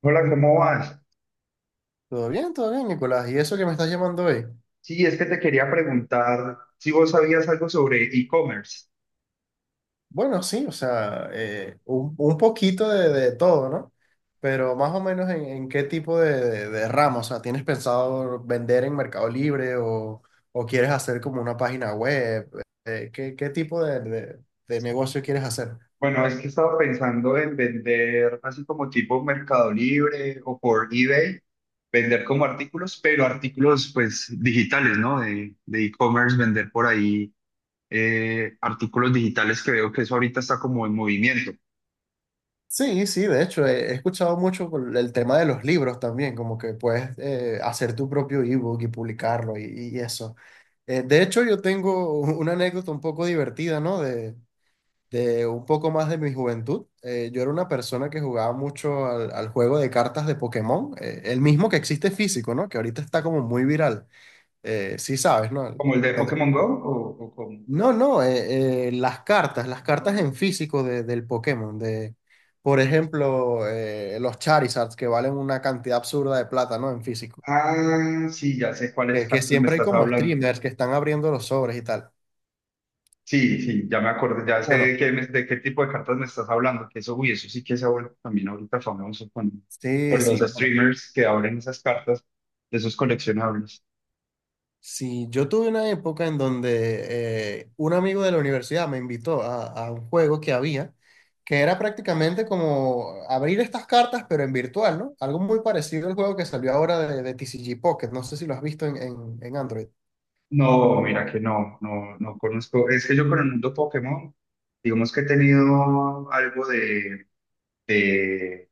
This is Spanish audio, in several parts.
Hola, ¿cómo vas? Todo bien, Nicolás. ¿Y eso que me estás llamando hoy? Sí, es que te quería preguntar si vos sabías algo sobre e-commerce. Bueno, sí, o sea, un poquito de todo, ¿no? Pero más o menos en qué tipo de ramo. O sea, ¿tienes pensado vender en Mercado Libre o quieres hacer como una página web? ¿Qué tipo de negocio quieres hacer? Bueno, es que estaba pensando en vender así como tipo Mercado Libre o por eBay, vender como artículos, pero artículos pues digitales, ¿no? De e-commerce, vender por ahí artículos digitales que veo que eso ahorita está como en movimiento. Sí, sí, de hecho, he escuchado mucho por el tema de los libros también, como que puedes hacer tu propio ebook y publicarlo y eso. De hecho, yo tengo una anécdota un poco divertida, ¿no? De un poco más de mi juventud. Yo era una persona que jugaba mucho al juego de cartas de Pokémon, el mismo que existe físico, ¿no? Que ahorita está como muy viral. Sí sabes, ¿no? ¿Como el de Pokémon Go o como? No, no, las cartas en físico del Pokémon, por ejemplo, los Charizards que valen una cantidad absurda de plata, ¿no? En físico. Ah, sí, ya sé cuáles Que partes me siempre hay estás como hablando. streamers que están abriendo los sobres y tal. Sí, sí, ya me acordé, ya sé de Bueno. qué, de qué tipo de cartas me estás hablando, que eso, uy, eso sí que se ha vuelto también ahorita famoso Sí, con los sí. Bueno. streamers que abren esas cartas, de esos coleccionables. Sí, yo tuve una época en donde un amigo de la universidad me invitó a un juego que había, que era prácticamente como abrir estas cartas, pero en virtual, ¿no? Algo muy parecido al juego que salió ahora de TCG Pocket, no sé si lo has visto en, en Android. No, mira que no, no, no conozco, es que yo con el mundo Pokémon, digamos que he tenido algo de,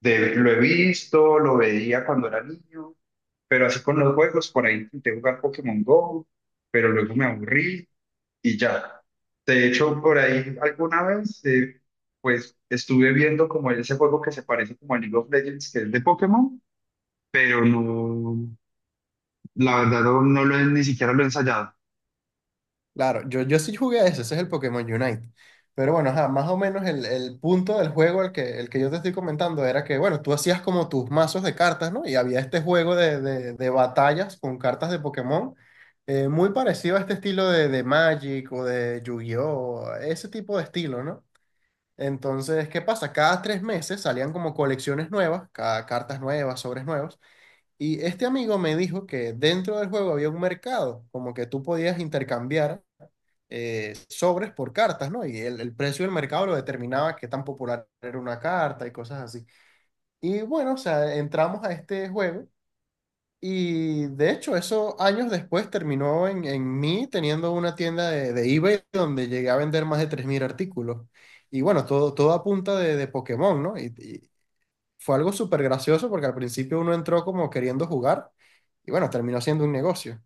lo he visto, lo veía cuando era niño, pero así con los juegos, por ahí intenté jugar Pokémon Go, pero luego me aburrí y ya. De hecho, por ahí alguna vez, pues estuve viendo como ese juego que se parece como a League of Legends, que es de Pokémon, pero no, la verdad no, no lo he, ni siquiera lo he ensayado. Claro, yo sí jugué a ese. Ese es el Pokémon Unite. Pero bueno, ajá, más o menos el punto del juego, el que yo te estoy comentando, era que, bueno, tú hacías como tus mazos de cartas, ¿no? Y había este juego de batallas con cartas de Pokémon, muy parecido a este estilo de Magic o de Yu-Gi-Oh, ese tipo de estilo, ¿no? Entonces, ¿qué pasa? Cada 3 meses salían como colecciones nuevas, cada cartas nuevas, sobres nuevos. Y este amigo me dijo que dentro del juego había un mercado, como que tú podías intercambiar sobres por cartas, ¿no? Y el precio del mercado lo determinaba qué tan popular era una carta y cosas así. Y bueno, o sea, entramos a este juego y de hecho eso años después terminó en mí teniendo una tienda de eBay donde llegué a vender más de 3.000 artículos. Y bueno, todo a punta de Pokémon, ¿no? Y fue algo súper gracioso porque al principio uno entró como queriendo jugar y bueno, terminó siendo un negocio.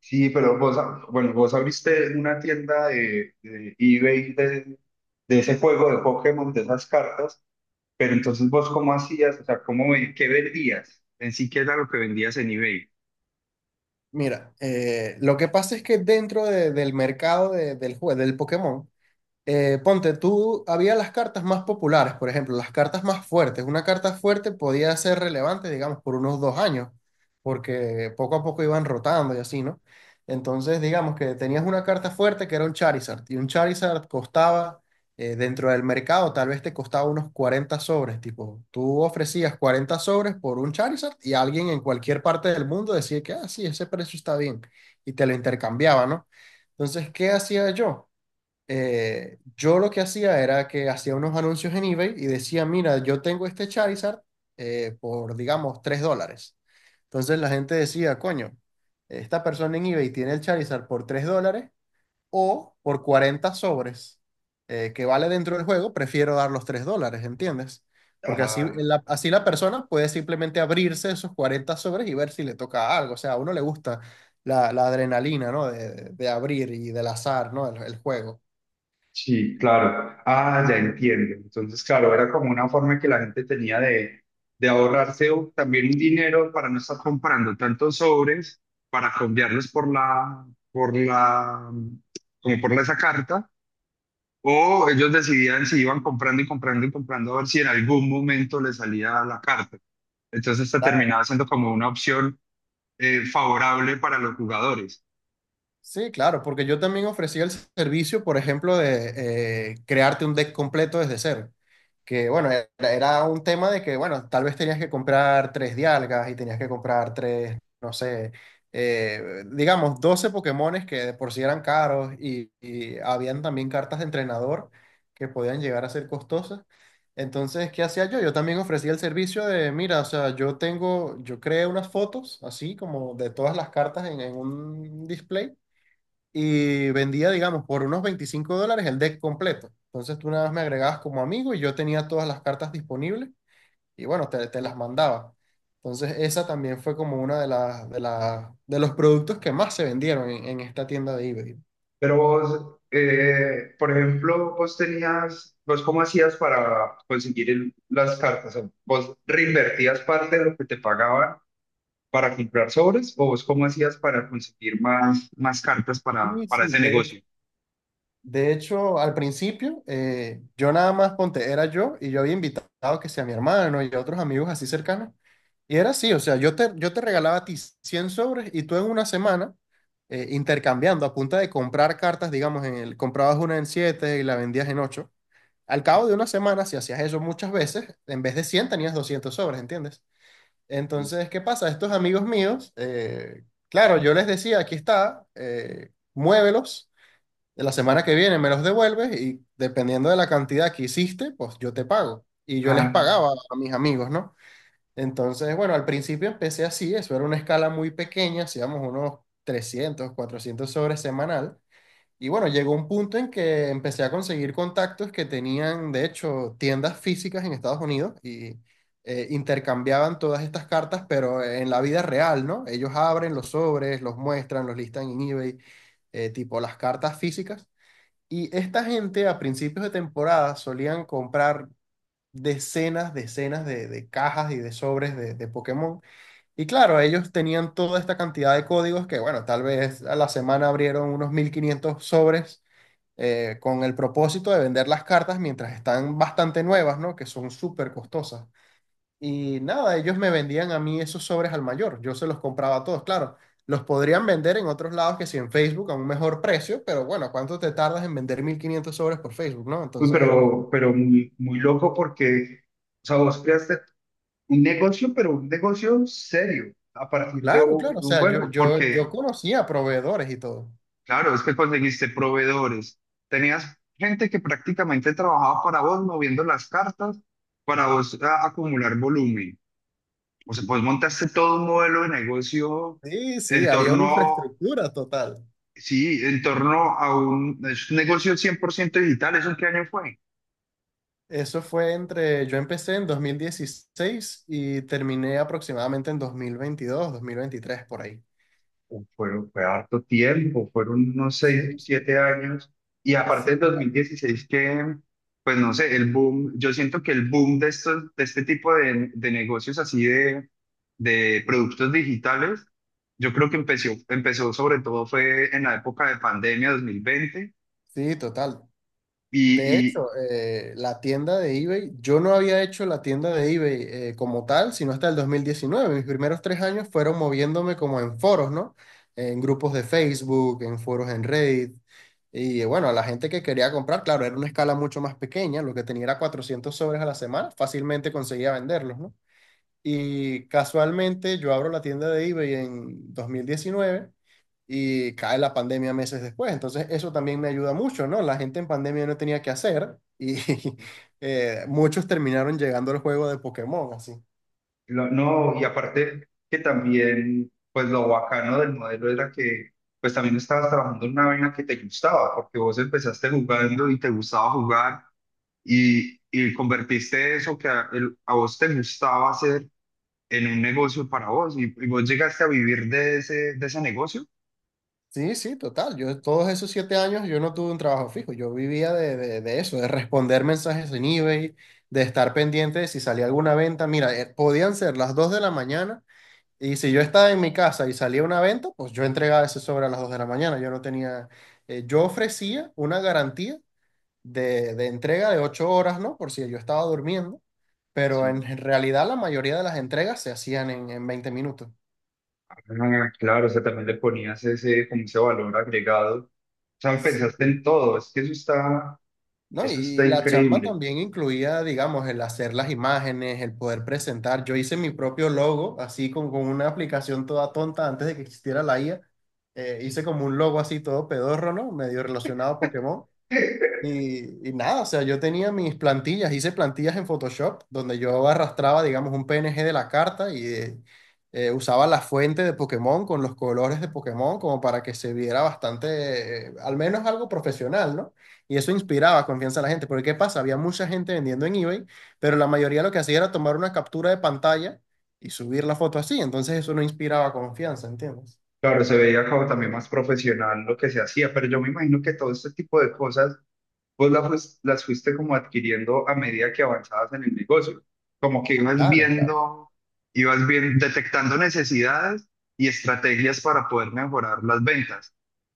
Sí, pero vos, bueno, vos abriste una tienda de eBay de ese juego de Pokémon, de esas cartas, pero entonces vos cómo hacías, o sea, cómo, qué vendías, en sí qué era lo que vendías en eBay. Mira, lo que pasa es que dentro del mercado del juego, del Pokémon, ponte, tú, había las cartas más populares, por ejemplo, las cartas más fuertes. Una carta fuerte podía ser relevante, digamos, por unos 2 años, porque poco a poco iban rotando y así, ¿no? Entonces, digamos que tenías una carta fuerte que era un Charizard, y un Charizard costaba, dentro del mercado, tal vez te costaba unos 40 sobres, tipo, tú ofrecías 40 sobres por un Charizard y alguien en cualquier parte del mundo decía que, ah, sí, ese precio está bien, y te lo intercambiaba, ¿no? Entonces, ¿qué hacía yo? Yo lo que hacía era que hacía unos anuncios en eBay y decía, mira, yo tengo este Charizard por, digamos, $3. Entonces la gente decía, coño, esta persona en eBay tiene el Charizard por $3 o por 40 sobres que vale dentro del juego, prefiero dar los $3, ¿entiendes? Porque así la persona puede simplemente abrirse esos 40 sobres y ver si le toca algo. O sea, a uno le gusta la adrenalina, ¿no? De abrir y del azar, ¿no? El juego. Sí, claro. Ah, ya entiendo. Entonces, claro, era como una forma que la gente tenía de ahorrarse también un dinero para no estar comprando tantos sobres, para cambiarlos por la, como por la- esa carta, o ellos decidían si iban comprando y comprando y comprando a ver si en algún momento les salía la carta. Entonces, esta terminaba siendo como una opción favorable para los jugadores. Sí, claro, porque yo también ofrecía el servicio, por ejemplo, de crearte un deck completo desde cero. Que bueno, era un tema de que, bueno, tal vez tenías que comprar tres dialgas y tenías que comprar tres, no sé, digamos, 12 Pokémones que de por sí eran caros y habían también cartas de entrenador que podían llegar a ser costosas. Entonces, ¿qué hacía yo? Yo también ofrecía el servicio de, mira, o sea, yo creé unas fotos así como de todas las cartas en un display y vendía, digamos, por unos $25 el deck completo. Entonces tú nada más me agregabas como amigo y yo tenía todas las cartas disponibles y bueno, te las mandaba. Entonces esa también fue como una de los productos que más se vendieron en esta tienda de eBay. Pero vos, por ejemplo, vos tenías, vos cómo hacías para conseguir las cartas? O sea, ¿vos reinvertías parte de lo que te pagaban para comprar sobres o vos cómo hacías para conseguir más, más cartas Sí, para sí, ese de hecho, negocio? de hecho, al principio yo nada más ponte, era yo y yo había invitado que sea mi hermano y a otros amigos así cercanos. Y era así, o sea, yo te regalaba a ti 100 sobres y tú en una semana intercambiando a punta de comprar cartas, digamos, comprabas una en 7 y la vendías en ocho. Al cabo Sí. de una semana, si hacías eso muchas veces, en vez de 100 tenías 200 sobres, ¿entiendes? Entonces, ¿qué pasa? Estos amigos míos, claro, yo les decía, aquí está, muévelos, la semana que viene me los devuelves y dependiendo de la cantidad que hiciste, pues yo te pago. Y yo les Ah, pagaba a mis amigos, ¿no? Entonces, bueno, al principio empecé así, eso era una escala muy pequeña, hacíamos unos 300, 400 sobres semanal. Y bueno, llegó un punto en que empecé a conseguir contactos que tenían, de hecho, tiendas físicas en Estados Unidos y intercambiaban todas estas cartas, pero en la vida real, ¿no? Ellos abren los sobres, los muestran, los listan en eBay, tipo las cartas físicas. Y esta gente a principios de temporada solían comprar decenas, decenas de cajas y de sobres de Pokémon. Y claro, ellos tenían toda esta cantidad de códigos que, bueno, tal vez a la semana abrieron unos 1.500 sobres con el propósito de vender las cartas mientras están bastante nuevas, ¿no? Que son súper costosas. Y nada, ellos me vendían a mí esos sobres al mayor. Yo se los compraba a todos, claro. Los podrían vender en otros lados que si en Facebook a un mejor precio, pero bueno, ¿cuánto te tardas en vender 1.500 sobres por Facebook, no? uy, Entonces. Pero muy, muy loco porque, o sea, vos creaste un negocio, pero un negocio serio a partir Claro, claro, o de un sea, yo, juego, yo, porque yo conocía proveedores y todo. claro, es que conseguiste proveedores. Tenías gente que prácticamente trabajaba para vos moviendo las cartas para vos acumular volumen. O sea, pues montaste todo un modelo de negocio Sí, sí, en había una torno, infraestructura total. sí, en torno a un, es un negocio 100% digital. ¿Eso en qué año fue? Eso fue entre, yo empecé en 2016 y terminé aproximadamente en 2022, 2023 por ahí. Fue, fue harto tiempo, fueron unos seis, Sí, sí, siete años. Y sí. aparte del 2016 que, pues no sé, el boom, yo siento que el boom de estos, de este tipo de negocios así de productos digitales, yo creo que empezó, empezó sobre todo fue en la época de pandemia 2020 Sí, total. De y, hecho, la tienda de eBay, yo no había hecho la tienda de eBay como tal, sino hasta el 2019. Mis primeros 3 años fueron moviéndome como en foros, ¿no? En grupos de Facebook, en foros en Reddit. Y bueno, a la gente que quería comprar, claro, era una escala mucho más pequeña, lo que tenía era 400 sobres a la semana, fácilmente conseguía venderlos, ¿no? Y casualmente yo abro la tienda de eBay en 2019 y cae la pandemia meses después. Entonces, eso también me ayuda mucho, ¿no? La gente en pandemia no tenía que hacer y muchos terminaron llegando al juego de Pokémon, así. No, y aparte que también, pues lo bacano del modelo era que, pues también estabas trabajando en una vaina que te gustaba, porque vos empezaste jugando y te gustaba jugar y convertiste eso que a, a vos te gustaba hacer en un negocio para vos y vos llegaste a vivir de ese negocio. Sí, sí, total. Yo todos esos 7 años yo no tuve un trabajo fijo. Yo vivía de eso, de responder mensajes en eBay, de estar pendiente de si salía alguna venta. Mira, podían ser las 2 de la mañana y si yo estaba en mi casa y salía una venta, pues yo entregaba ese sobre a las 2 de la mañana. Yo no tenía, yo ofrecía una garantía de entrega de 8 horas, ¿no? Por si yo estaba durmiendo, pero en Sí. realidad la mayoría de las entregas se hacían en 20 minutos. Ah, claro, o sea, también le ponías ese, como ese valor agregado. O sea, Sí, pensaste en todo, es que ¿no? Eso Y está la chamba increíble. también incluía, digamos, el hacer las imágenes, el poder presentar. Yo hice mi propio logo, así con una aplicación toda tonta antes de que existiera la IA. Eh, Sí. hice como un logo así todo pedorro, ¿no? Medio relacionado a Pokémon. Y nada, o sea, yo tenía mis plantillas, hice plantillas en Photoshop, donde yo arrastraba, digamos, un PNG de la carta y usaba la fuente de Pokémon con los colores de Pokémon como para que se viera bastante, al menos algo profesional, ¿no? Y eso inspiraba confianza a la gente, porque ¿qué pasa? Había mucha gente vendiendo en eBay, pero la mayoría lo que hacía era tomar una captura de pantalla y subir la foto así, entonces eso no inspiraba confianza, ¿entiendes? Claro, se veía como también más profesional lo que se hacía, pero yo me imagino que todo este tipo de cosas vos las fuiste como adquiriendo a medida que avanzabas en el negocio, como que ibas Claro, claro. viendo, ibas bien, detectando necesidades y estrategias para poder mejorar las ventas.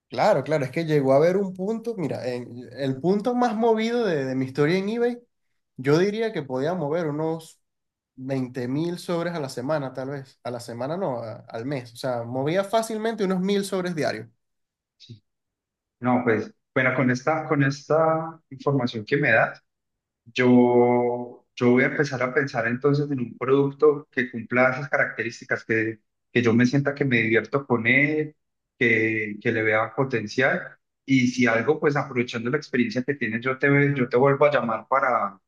Claro, claro, es que llegó a haber un punto, mira, el punto más movido de mi historia en eBay, yo diría que podía mover unos 20.000 sobres a la semana, tal vez. A la semana no, al mes. O sea, movía fácilmente unos 1.000 sobres diarios. Sí. No, pues, bueno, con esta información que me das, yo voy a empezar a pensar entonces en un producto que cumpla esas características, que yo me sienta que me divierto con él, que le vea potencial. Y si algo, pues aprovechando la experiencia que tienes, yo te vuelvo a llamar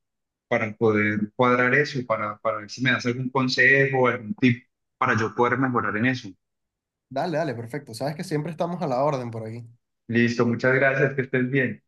para poder cuadrar eso, para ver si me das algún consejo, algún tip para yo poder mejorar en eso. Dale, dale, perfecto. Sabes que siempre estamos a la orden por aquí. Listo, muchas gracias, que estés bien.